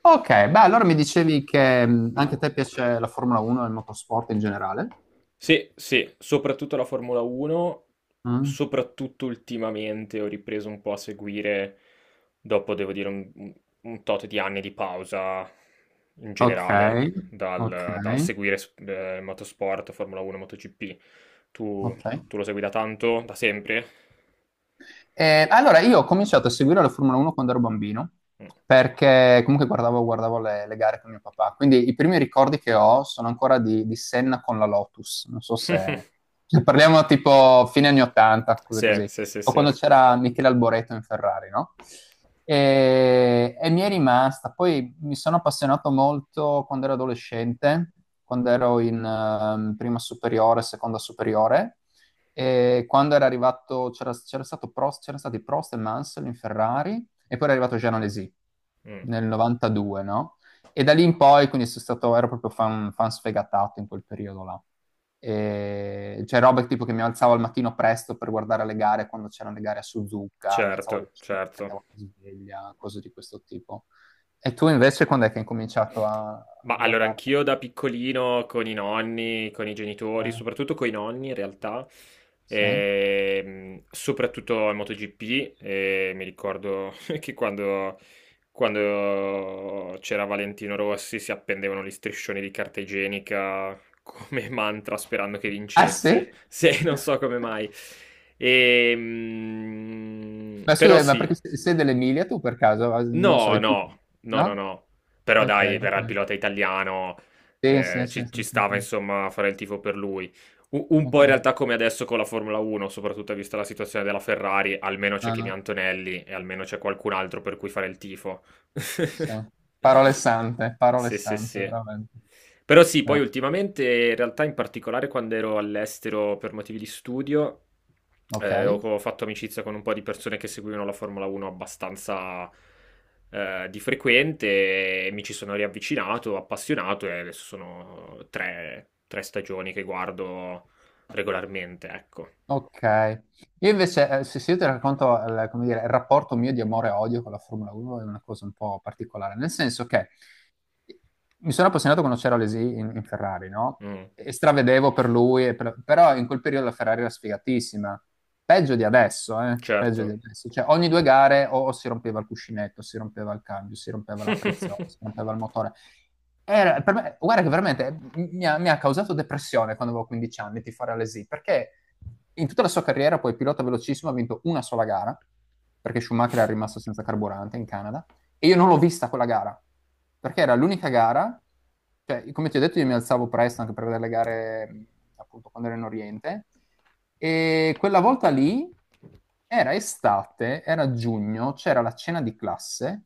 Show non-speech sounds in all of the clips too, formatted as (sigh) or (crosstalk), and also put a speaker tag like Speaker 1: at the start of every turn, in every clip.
Speaker 1: Ok, beh, allora mi dicevi che anche a te piace la Formula 1 e il motorsport in generale?
Speaker 2: Sì, sì, soprattutto la Formula 1,
Speaker 1: Mm?
Speaker 2: soprattutto ultimamente ho ripreso un po' a seguire, dopo devo dire un tot di anni di pausa in
Speaker 1: Ok,
Speaker 2: generale,
Speaker 1: ok,
Speaker 2: dal seguire motorsport, Formula 1, MotoGP. Tu,
Speaker 1: ok.
Speaker 2: tu lo segui da tanto, da sempre?
Speaker 1: Allora, io ho cominciato a seguire la Formula 1 quando ero bambino,
Speaker 2: Mm.
Speaker 1: perché comunque guardavo le gare con mio papà. Quindi i primi ricordi che ho sono ancora di Senna con la Lotus. Non so se,
Speaker 2: (laughs)
Speaker 1: se parliamo tipo fine anni 80, cose
Speaker 2: Sì,
Speaker 1: così,
Speaker 2: sì, sì,
Speaker 1: o
Speaker 2: sì.
Speaker 1: quando c'era Michele Alboreto in Ferrari, no? E mi è rimasta. Poi mi sono appassionato molto quando ero adolescente, quando ero in prima superiore, seconda superiore e quando era arrivato, c'era stato Prost, c'erano stati Prost e Mansell in Ferrari, e poi era arrivato Jean
Speaker 2: Mm.
Speaker 1: nel 92, no? E da lì in poi, quindi sono stato, ero proprio fan, fan sfegatato in quel periodo là. E c'è roba tipo che mi alzavo al mattino presto per guardare le gare quando c'erano le gare a Suzuka, mi alzavo alle
Speaker 2: Certo,
Speaker 1: 5,
Speaker 2: certo.
Speaker 1: mettevo la sveglia, cose di questo tipo. E tu invece quando è che hai cominciato a,
Speaker 2: Ma
Speaker 1: a
Speaker 2: allora
Speaker 1: guardare?
Speaker 2: anch'io da piccolino con i nonni, con i genitori,
Speaker 1: Eh,
Speaker 2: soprattutto coi nonni in realtà,
Speaker 1: sì?
Speaker 2: soprattutto al MotoGP, mi ricordo (laughs) che quando c'era Valentino Rossi si appendevano gli striscioni di carta igienica come (laughs) mantra sperando che
Speaker 1: Ah,
Speaker 2: vincesse,
Speaker 1: sì?
Speaker 2: (laughs) se non so come mai.
Speaker 1: Ma
Speaker 2: Però
Speaker 1: scusa, ma
Speaker 2: sì.
Speaker 1: perché sei dell'Emilia tu per caso? Ah, non
Speaker 2: No,
Speaker 1: so,
Speaker 2: no, no, no,
Speaker 1: no?
Speaker 2: no. Però
Speaker 1: Ok,
Speaker 2: dai, era il
Speaker 1: ok.
Speaker 2: pilota italiano,
Speaker 1: Sì, sì, sì,
Speaker 2: ci
Speaker 1: sì, sì,
Speaker 2: stava
Speaker 1: sì.
Speaker 2: insomma fare il tifo per lui. Un po' in
Speaker 1: Ok.
Speaker 2: realtà come adesso con la Formula 1, soprattutto vista la situazione della Ferrari, almeno c'è Kimi
Speaker 1: Ah,
Speaker 2: Antonelli e almeno c'è qualcun altro per cui fare il tifo.
Speaker 1: sì. Parole
Speaker 2: Sì, sì,
Speaker 1: sante,
Speaker 2: sì.
Speaker 1: veramente.
Speaker 2: Però sì,
Speaker 1: Eh,
Speaker 2: poi ultimamente, in realtà, in particolare quando ero all'estero per motivi di studio, ho
Speaker 1: ok.
Speaker 2: ho fatto amicizia con un po' di persone che seguivano la Formula 1 abbastanza di frequente e mi ci sono riavvicinato, appassionato e adesso sono tre stagioni che guardo regolarmente, ecco.
Speaker 1: Ok, io invece, se io ti racconto, come dire, il rapporto mio di amore e odio con la Formula 1 è una cosa un po' particolare, nel senso che mi sono appassionato quando c'era Alesi in Ferrari, no?
Speaker 2: Mm,
Speaker 1: E stravedevo per lui, però in quel periodo la Ferrari era sfigatissima, peggio di adesso, eh? Peggio di
Speaker 2: certo.
Speaker 1: adesso, cioè ogni due gare o si rompeva il cuscinetto, si rompeva il cambio, si rompeva la frizione, si rompeva il motore. Guarda che veramente mi ha causato depressione quando avevo 15 anni tifare all'ESI, perché in tutta la sua carriera poi pilota velocissimo ha vinto una sola gara, perché Schumacher era rimasto senza carburante in Canada, e io non l'ho vista quella gara, perché era l'unica gara, cioè, come ti ho detto, io mi alzavo presto anche per vedere le gare, appunto, quando ero in Oriente, e quella volta lì era estate, era giugno, c'era la cena di classe,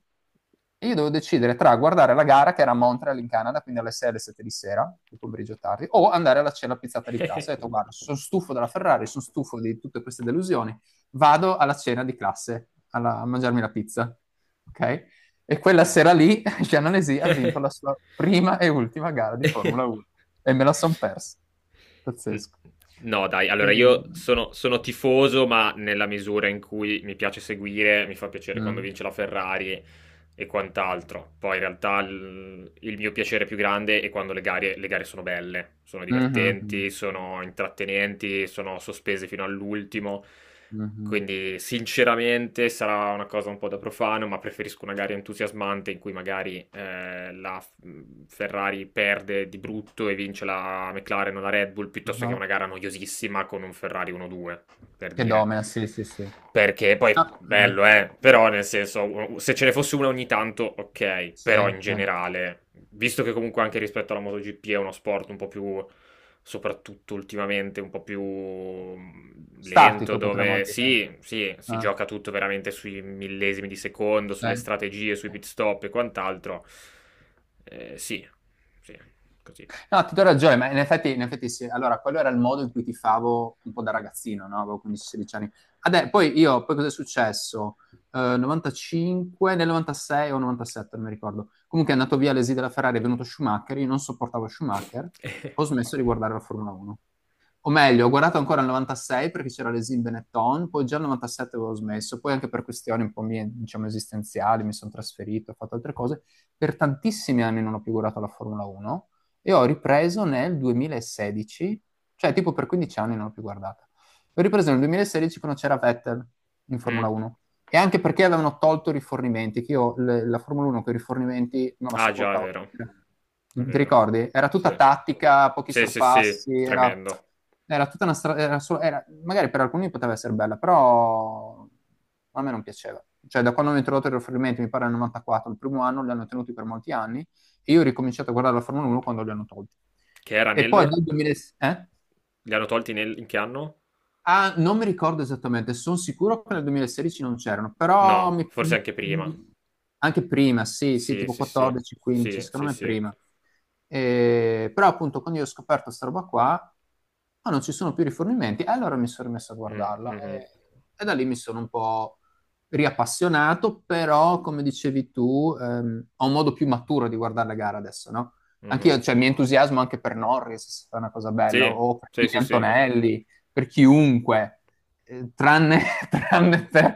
Speaker 1: e io dovevo decidere tra guardare la gara, che era a Montreal in Canada, quindi alle 6 alle 7 di sera, di pomeriggio tardi, o andare alla cena pizzata di classe. Ho detto, guarda,
Speaker 2: (laughs)
Speaker 1: sono stufo della Ferrari, sono stufo di tutte queste delusioni, vado alla cena di classe a mangiarmi la pizza. Ok? E quella sera lì (laughs) Jean Alesi ha vinto la sua prima e ultima gara di
Speaker 2: (laughs)
Speaker 1: Formula 1 e me la son persa.
Speaker 2: N-
Speaker 1: Pazzesco.
Speaker 2: No, dai, allora
Speaker 1: E-
Speaker 2: io sono tifoso, ma nella misura in cui mi piace seguire, mi fa piacere quando
Speaker 1: Mm.
Speaker 2: vince la Ferrari e quant'altro. Poi in realtà il mio piacere più grande è quando le gare sono belle, sono
Speaker 1: Mhm, mhm,
Speaker 2: divertenti, sono intrattenenti, sono sospese fino all'ultimo.
Speaker 1: mhm,
Speaker 2: Quindi sinceramente sarà una cosa un po' da profano, ma preferisco una gara entusiasmante in cui magari la Ferrari perde di brutto e vince la McLaren o la Red Bull piuttosto che
Speaker 1: mhm.
Speaker 2: una gara noiosissima con un Ferrari 1-2, per
Speaker 1: Che
Speaker 2: dire.
Speaker 1: domina, sì, sì, sì.
Speaker 2: Perché poi
Speaker 1: Ah, mm,
Speaker 2: bello, però nel senso, se ce ne fosse una ogni tanto, ok,
Speaker 1: sì,
Speaker 2: però in
Speaker 1: eh.
Speaker 2: generale, visto che comunque anche rispetto alla MotoGP è uno sport un po' più soprattutto ultimamente un po' più lento,
Speaker 1: Statico potremmo
Speaker 2: dove
Speaker 1: dire.
Speaker 2: sì, sì, si
Speaker 1: Eh,
Speaker 2: gioca tutto veramente sui millesimi di secondo, sulle
Speaker 1: sì.
Speaker 2: strategie, sui pit stop e quant'altro. Sì, sì, così.
Speaker 1: No, ti do ragione, ma in effetti sì. Allora, quello era il modo in cui tifavo un po' da ragazzino, no? Avevo 15-16 anni. Adè, poi io, poi cosa è successo? 95, nel 96 o 97, non mi ricordo. Comunque è andato via l'esì della Ferrari, è venuto Schumacher, io non sopportavo Schumacher, ho
Speaker 2: (laughs)
Speaker 1: smesso di guardare la Formula 1. O meglio, ho guardato ancora il 96 perché c'era l'Esim Benetton, poi già il 97 avevo smesso, poi anche per questioni un po' mie, diciamo, esistenziali, mi sono trasferito, ho fatto altre cose. Per tantissimi anni non ho più guardato la Formula 1 e ho ripreso nel 2016, cioè tipo per 15 anni non l'ho più guardata. L'ho ripreso nel 2016 quando c'era Vettel in Formula
Speaker 2: Mm.
Speaker 1: 1 e anche perché avevano tolto i rifornimenti, che io la Formula 1 con i rifornimenti non la
Speaker 2: Ah, già, è
Speaker 1: sopportavo.
Speaker 2: vero, è
Speaker 1: Ti
Speaker 2: vero.
Speaker 1: ricordi? Era tutta
Speaker 2: Sì,
Speaker 1: tattica, pochi
Speaker 2: sì, sì, sì,
Speaker 1: sorpassi, era,
Speaker 2: tremendo.
Speaker 1: era tutta una strada, magari per alcuni poteva essere bella, però a me non piaceva. Cioè, da quando hanno introdotto i rifornimenti, mi pare nel 94, il primo anno, li hanno tenuti per molti anni, e io ho ricominciato a guardare la Formula 1 quando li hanno tolti.
Speaker 2: Che era
Speaker 1: E poi dal
Speaker 2: nel.
Speaker 1: 2006... Eh?
Speaker 2: Li hanno tolti in che anno?
Speaker 1: Ah, non mi ricordo esattamente, sono sicuro che nel 2016 non c'erano, però
Speaker 2: No, forse
Speaker 1: mi-
Speaker 2: anche prima.
Speaker 1: anche prima, sì, sì,
Speaker 2: Sì,
Speaker 1: tipo
Speaker 2: sì, sì,
Speaker 1: 14, 15,
Speaker 2: sì, sì,
Speaker 1: secondo me
Speaker 2: sì.
Speaker 1: prima. Però appunto quando io ho scoperto questa roba qua, ah, non ci sono più rifornimenti, e allora mi sono rimesso a guardarla
Speaker 2: Mh-mh,
Speaker 1: e da lì mi sono un po' riappassionato, però come dicevi tu, ho un modo più maturo di guardare la gara adesso, no?
Speaker 2: mh-mh.
Speaker 1: Anch'io, cioè, mi entusiasmo anche per Norris, se fa una cosa bella,
Speaker 2: Sì,
Speaker 1: o per
Speaker 2: sì, sì, sì.
Speaker 1: Antonelli, per chiunque, tranne, (laughs) tranne per,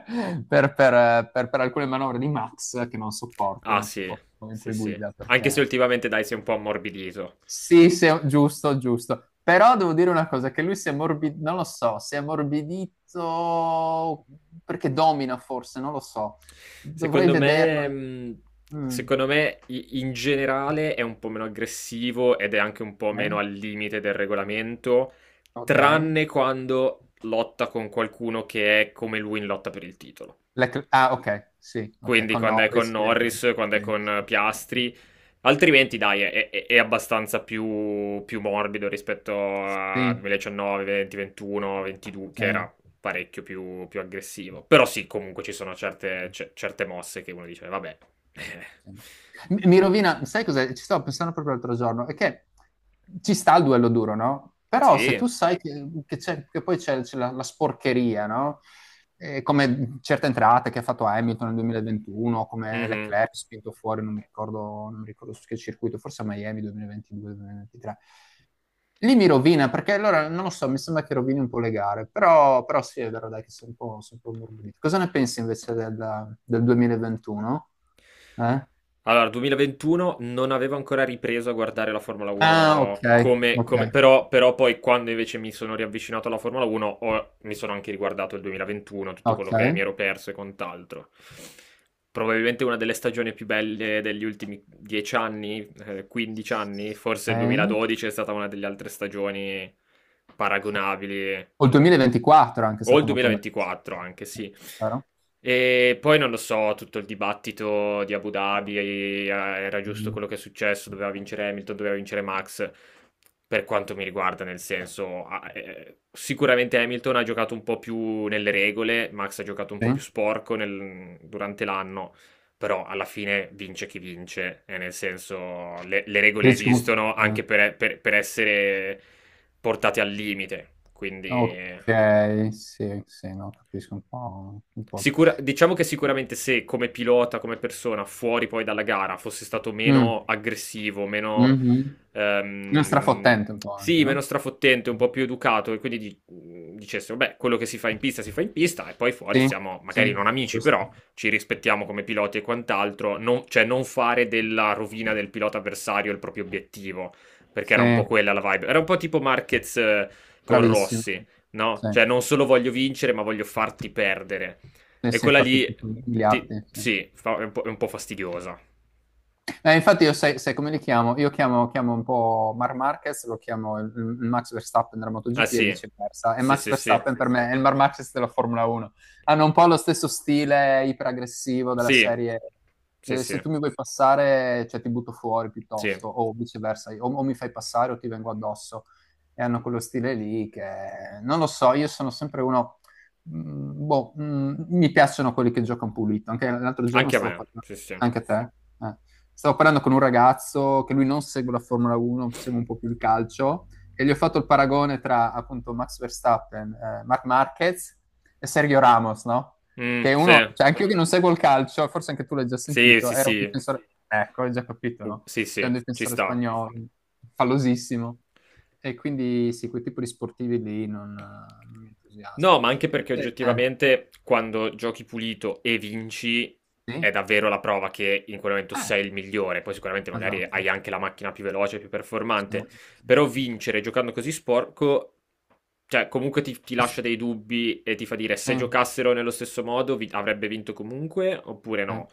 Speaker 1: per- per- per- per alcune manovre di Max che non sopporto,
Speaker 2: Ah
Speaker 1: non
Speaker 2: sì,
Speaker 1: sopporto come in
Speaker 2: sì,
Speaker 1: cui
Speaker 2: sì.
Speaker 1: guida,
Speaker 2: Anche se
Speaker 1: perché
Speaker 2: ultimamente dai si è un po' ammorbidito.
Speaker 1: sì, sì, giusto, giusto. Però devo dire una cosa, che lui si è morbidito, non lo so, si è morbidito perché domina forse, non lo so. Dovrei
Speaker 2: Secondo
Speaker 1: vederlo.
Speaker 2: me mhmm,
Speaker 1: Mm,
Speaker 2: secondo me i in generale è un po' meno aggressivo ed è anche un po' meno
Speaker 1: ok,
Speaker 2: al limite del regolamento,
Speaker 1: ok.
Speaker 2: tranne quando lotta con qualcuno che è come lui in lotta per il titolo.
Speaker 1: Ah, ok, sì, ok,
Speaker 2: Quindi
Speaker 1: con
Speaker 2: quando è con
Speaker 1: Norris. Sì,
Speaker 2: Norris, quando è con
Speaker 1: sì, sì.
Speaker 2: Piastri. Altrimenti, dai, è abbastanza più, più, morbido rispetto a
Speaker 1: Sì,
Speaker 2: 2019, 20, 21, 22,
Speaker 1: sì, sì,
Speaker 2: che era
Speaker 1: sì,
Speaker 2: parecchio più aggressivo. Però sì, comunque ci sono
Speaker 1: sì.
Speaker 2: certe mosse che uno dice, vabbè. (laughs)
Speaker 1: Mi rovina, sai cos'è? Ci stavo pensando proprio l'altro giorno, è che ci sta il duello duro, no? Però se tu
Speaker 2: Sì.
Speaker 1: sai che che poi c'è la sporcheria, no? Come certe entrate che ha fatto Hamilton nel 2021, come
Speaker 2: Mhm.
Speaker 1: Leclerc spinto fuori, non mi ricordo su che circuito, forse a Miami 2022-2023. Lì mi rovina, perché allora, non lo so, mi sembra che rovini un po' le gare, però sì, è vero, dai, che sono un po' ammorbidito. Cosa ne pensi invece del 2021? Eh?
Speaker 2: Allora, 2021 non avevo ancora ripreso a guardare la Formula
Speaker 1: Ah, ok,
Speaker 2: 1
Speaker 1: ok,
Speaker 2: però poi quando invece mi sono riavvicinato alla Formula 1 mi sono anche riguardato il 2021, tutto
Speaker 1: ok.
Speaker 2: quello che mi ero perso e quant'altro. Probabilmente una delle stagioni più belle degli ultimi 10 anni, 15 anni, forse il
Speaker 1: Sì.
Speaker 2: 2012 è stata una delle altre stagioni paragonabili
Speaker 1: O il 2024 anche è anche
Speaker 2: o il
Speaker 1: stato molto bello.
Speaker 2: 2024 anche, sì.
Speaker 1: Vero?
Speaker 2: E poi non lo so, tutto il dibattito di Abu Dhabi, era giusto
Speaker 1: Mm,
Speaker 2: quello che è successo, doveva vincere Hamilton, doveva vincere Max, per quanto mi riguarda, nel senso, sicuramente Hamilton ha giocato un po' più nelle regole, Max ha giocato un
Speaker 1: sì.
Speaker 2: po' più sporco durante l'anno, però alla fine vince chi vince, nel senso, le regole
Speaker 1: Dici comunque-
Speaker 2: esistono
Speaker 1: eh,
Speaker 2: anche per essere portate al limite, quindi.
Speaker 1: ok, sì, sì, no, capisco un po'. Un po'.
Speaker 2: Sicura diciamo che sicuramente se come pilota, come persona, fuori poi dalla gara, fosse stato meno
Speaker 1: Mm,
Speaker 2: aggressivo, meno,
Speaker 1: mhm. Uno
Speaker 2: ehm,
Speaker 1: strafottente un po' anche,
Speaker 2: sì,
Speaker 1: no?
Speaker 2: meno strafottente, un po' più educato, e quindi dicesse, vabbè, quello che si fa in pista si fa in pista, e poi fuori
Speaker 1: Sì,
Speaker 2: siamo magari non
Speaker 1: sì,
Speaker 2: amici,
Speaker 1: giusto.
Speaker 2: però ci rispettiamo come piloti e quant'altro, non- cioè non fare della rovina del pilota avversario il proprio obiettivo, perché era
Speaker 1: Sì,
Speaker 2: un po' quella la vibe. Era un po' tipo Marquez con
Speaker 1: bravissimo.
Speaker 2: Rossi, no?
Speaker 1: Sì,
Speaker 2: Cioè non solo voglio vincere, ma voglio farti perdere.
Speaker 1: sì,
Speaker 2: E
Speaker 1: sì,
Speaker 2: quella
Speaker 1: farti
Speaker 2: lì,
Speaker 1: più
Speaker 2: ti-
Speaker 1: miliardi. Sì.
Speaker 2: sì, fa- è un po' fastidiosa.
Speaker 1: Infatti io sai come li chiamo? Io chiamo un po' Marc Marquez, lo chiamo il Max Verstappen della
Speaker 2: Ah
Speaker 1: MotoGP e
Speaker 2: sì,
Speaker 1: viceversa. E
Speaker 2: sì,
Speaker 1: Max
Speaker 2: sì, sì,
Speaker 1: Verstappen per me è il Marc Marquez della Formula 1. Hanno un po' lo stesso stile iperaggressivo della
Speaker 2: sì,
Speaker 1: serie.
Speaker 2: sì,
Speaker 1: eh,
Speaker 2: sì,
Speaker 1: se tu mi vuoi passare, cioè ti butto fuori
Speaker 2: sì,
Speaker 1: piuttosto, o viceversa, o mi fai passare o ti vengo addosso. E hanno quello stile lì che non lo so, io sono sempre uno... boh, mi piacciono quelli che giocano pulito. Anche l'altro giorno
Speaker 2: anche a
Speaker 1: stavo
Speaker 2: me,
Speaker 1: parlando.
Speaker 2: sì, sì.
Speaker 1: Anche a te? Eh. Stavo parlando con un ragazzo che lui non segue la Formula 1, segue un po' più il calcio, e gli ho fatto il paragone tra appunto Max Verstappen, Marc Marquez e Sergio Ramos, no?
Speaker 2: Mm,
Speaker 1: Che uno,
Speaker 2: sì,
Speaker 1: cioè anche io che non seguo il calcio, forse anche tu l'hai già
Speaker 2: sì,
Speaker 1: sentito,
Speaker 2: sì,
Speaker 1: era un
Speaker 2: sì.
Speaker 1: difensore, ecco, hai già capito,
Speaker 2: Uh,
Speaker 1: no?
Speaker 2: sì,
Speaker 1: C'è
Speaker 2: sì,
Speaker 1: un
Speaker 2: ci
Speaker 1: difensore
Speaker 2: sta.
Speaker 1: spagnolo, fallosissimo. E quindi sì, quel tipo di sportivi lì non mi
Speaker 2: No,
Speaker 1: entusiasmano.
Speaker 2: ma anche perché
Speaker 1: Eh,
Speaker 2: oggettivamente quando giochi pulito e vinci è
Speaker 1: sì,
Speaker 2: davvero la prova che in quel momento
Speaker 1: eh,
Speaker 2: sei il migliore. Poi sicuramente magari
Speaker 1: esatto.
Speaker 2: hai anche la macchina più veloce, più
Speaker 1: Eh,
Speaker 2: performante,
Speaker 1: sì,
Speaker 2: però
Speaker 1: sì,
Speaker 2: vincere giocando così sporco, cioè comunque ti lascia
Speaker 1: sì.
Speaker 2: dei dubbi e ti fa dire
Speaker 1: Sì,
Speaker 2: se giocassero nello stesso modo avrebbe vinto comunque oppure
Speaker 1: sì,
Speaker 2: no.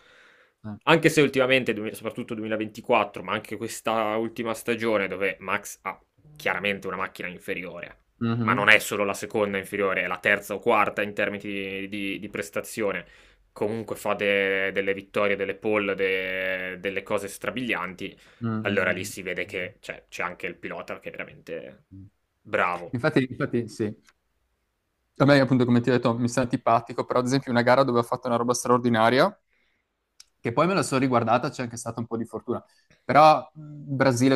Speaker 1: sì.
Speaker 2: Anche se ultimamente, soprattutto 2024, ma anche questa ultima stagione dove Max ha chiaramente una macchina inferiore ma non
Speaker 1: Mhm,
Speaker 2: è solo la seconda inferiore, è la terza o quarta in termini di prestazione. Comunque fa delle vittorie, delle pole, delle cose strabilianti. Allora lì
Speaker 1: mm,
Speaker 2: si vede
Speaker 1: mm,
Speaker 2: che cioè, c'è anche il pilota che è veramente
Speaker 1: mm.
Speaker 2: bravo.
Speaker 1: Infatti, infatti, sì. A me, appunto, come ti ho detto, mi sta antipatico, però ad esempio una gara dove ho fatto una roba straordinaria, che poi me la sono riguardata, c'è anche stata un po' di fortuna. Però Brasile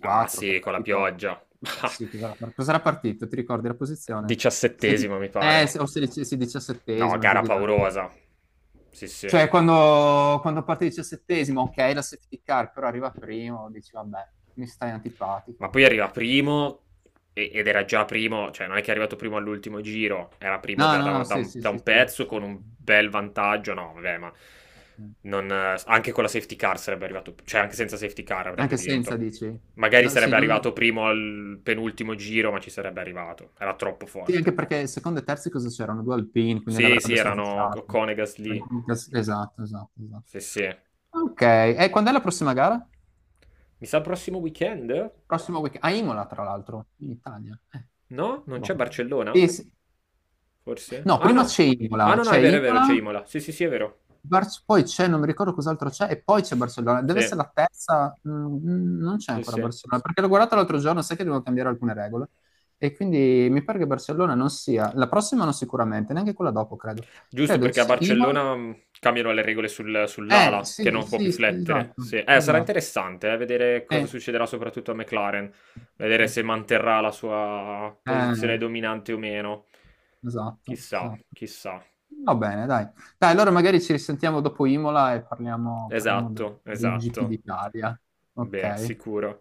Speaker 2: Ah
Speaker 1: che è
Speaker 2: sì, con la
Speaker 1: partito...
Speaker 2: pioggia. (laughs)
Speaker 1: Sì, cos'era partito? Ti ricordi la posizione? Sedi-
Speaker 2: Diciassettesimo mi
Speaker 1: eh,
Speaker 2: pare.
Speaker 1: se- o sedici- sì,
Speaker 2: No,
Speaker 1: 17º, giù
Speaker 2: gara
Speaker 1: di là.
Speaker 2: paurosa. Sì, sì.
Speaker 1: Cioè, quando, parte il 17º, ok, la safety car, però arriva primo, dici, vabbè, mi stai antipatico.
Speaker 2: Ma
Speaker 1: Ma-
Speaker 2: poi arriva primo ed era già primo, cioè non è che è arrivato primo all'ultimo giro, era primo
Speaker 1: No,
Speaker 2: già
Speaker 1: no,
Speaker 2: da,
Speaker 1: no,
Speaker 2: da
Speaker 1: sì,
Speaker 2: un,
Speaker 1: sì,
Speaker 2: da
Speaker 1: sì,
Speaker 2: un
Speaker 1: sì,
Speaker 2: pezzo
Speaker 1: sì,
Speaker 2: con un
Speaker 1: sì.
Speaker 2: bel vantaggio, no, vabbè, ma non, anche con la safety car sarebbe arrivato, cioè anche senza safety car avrebbe
Speaker 1: Anche senza,
Speaker 2: vinto.
Speaker 1: dici?
Speaker 2: Magari
Speaker 1: No, sì,
Speaker 2: sarebbe arrivato primo al penultimo giro, ma ci sarebbe arrivato, era troppo
Speaker 1: sì, anche
Speaker 2: forte.
Speaker 1: perché secondo e terzi cosa c'erano? Due alpini, quindi
Speaker 2: Sì, sì,
Speaker 1: l'avrebbe
Speaker 2: erano
Speaker 1: sorpassato.
Speaker 2: Conegas lì,
Speaker 1: Esatto, esatto, esatto.
Speaker 2: sì, sì.
Speaker 1: Ok, e quando è la prossima gara?
Speaker 2: Mi sa prossimo weekend?
Speaker 1: Prossimo weekend? A Imola, tra l'altro, in Italia.
Speaker 2: No? Non
Speaker 1: Boh.
Speaker 2: c'è Barcellona?
Speaker 1: Sì, sì.
Speaker 2: Forse?
Speaker 1: No,
Speaker 2: Ah
Speaker 1: prima
Speaker 2: no!
Speaker 1: c'è
Speaker 2: Ah
Speaker 1: Imola,
Speaker 2: no, no,
Speaker 1: c'è
Speaker 2: è vero, c'è
Speaker 1: Imola,
Speaker 2: Imola. Sì, sì, sì, è vero.
Speaker 1: Poi c'è, non mi ricordo cos'altro c'è, e poi c'è Barcellona.
Speaker 2: Sì,
Speaker 1: Deve essere la terza, non c'è
Speaker 2: sì,
Speaker 1: ancora
Speaker 2: sì.
Speaker 1: Barcellona, perché l'ho guardata l'altro giorno, sai che devo cambiare alcune regole. E quindi mi pare che Barcellona non sia, la prossima non sicuramente, neanche quella dopo, credo.
Speaker 2: Giusto
Speaker 1: Credo
Speaker 2: perché
Speaker 1: ci
Speaker 2: a
Speaker 1: sia Imola.
Speaker 2: Barcellona cambiano le regole sull'ala,
Speaker 1: Sì,
Speaker 2: che non può più
Speaker 1: sì, sì,
Speaker 2: flettere.
Speaker 1: esatto,
Speaker 2: Sì. Sarà
Speaker 1: esatto.
Speaker 2: interessante vedere cosa
Speaker 1: Eh,
Speaker 2: succederà soprattutto a McLaren, vedere se manterrà la sua posizione
Speaker 1: eh,
Speaker 2: dominante o meno.
Speaker 1: esatto,
Speaker 2: Chissà,
Speaker 1: esatto.
Speaker 2: chissà.
Speaker 1: Va bene, dai. Dai, allora magari ci risentiamo dopo Imola e parliamo del,
Speaker 2: Esatto,
Speaker 1: del GP
Speaker 2: esatto.
Speaker 1: d'Italia.
Speaker 2: Beh,
Speaker 1: Ok.
Speaker 2: sicuro.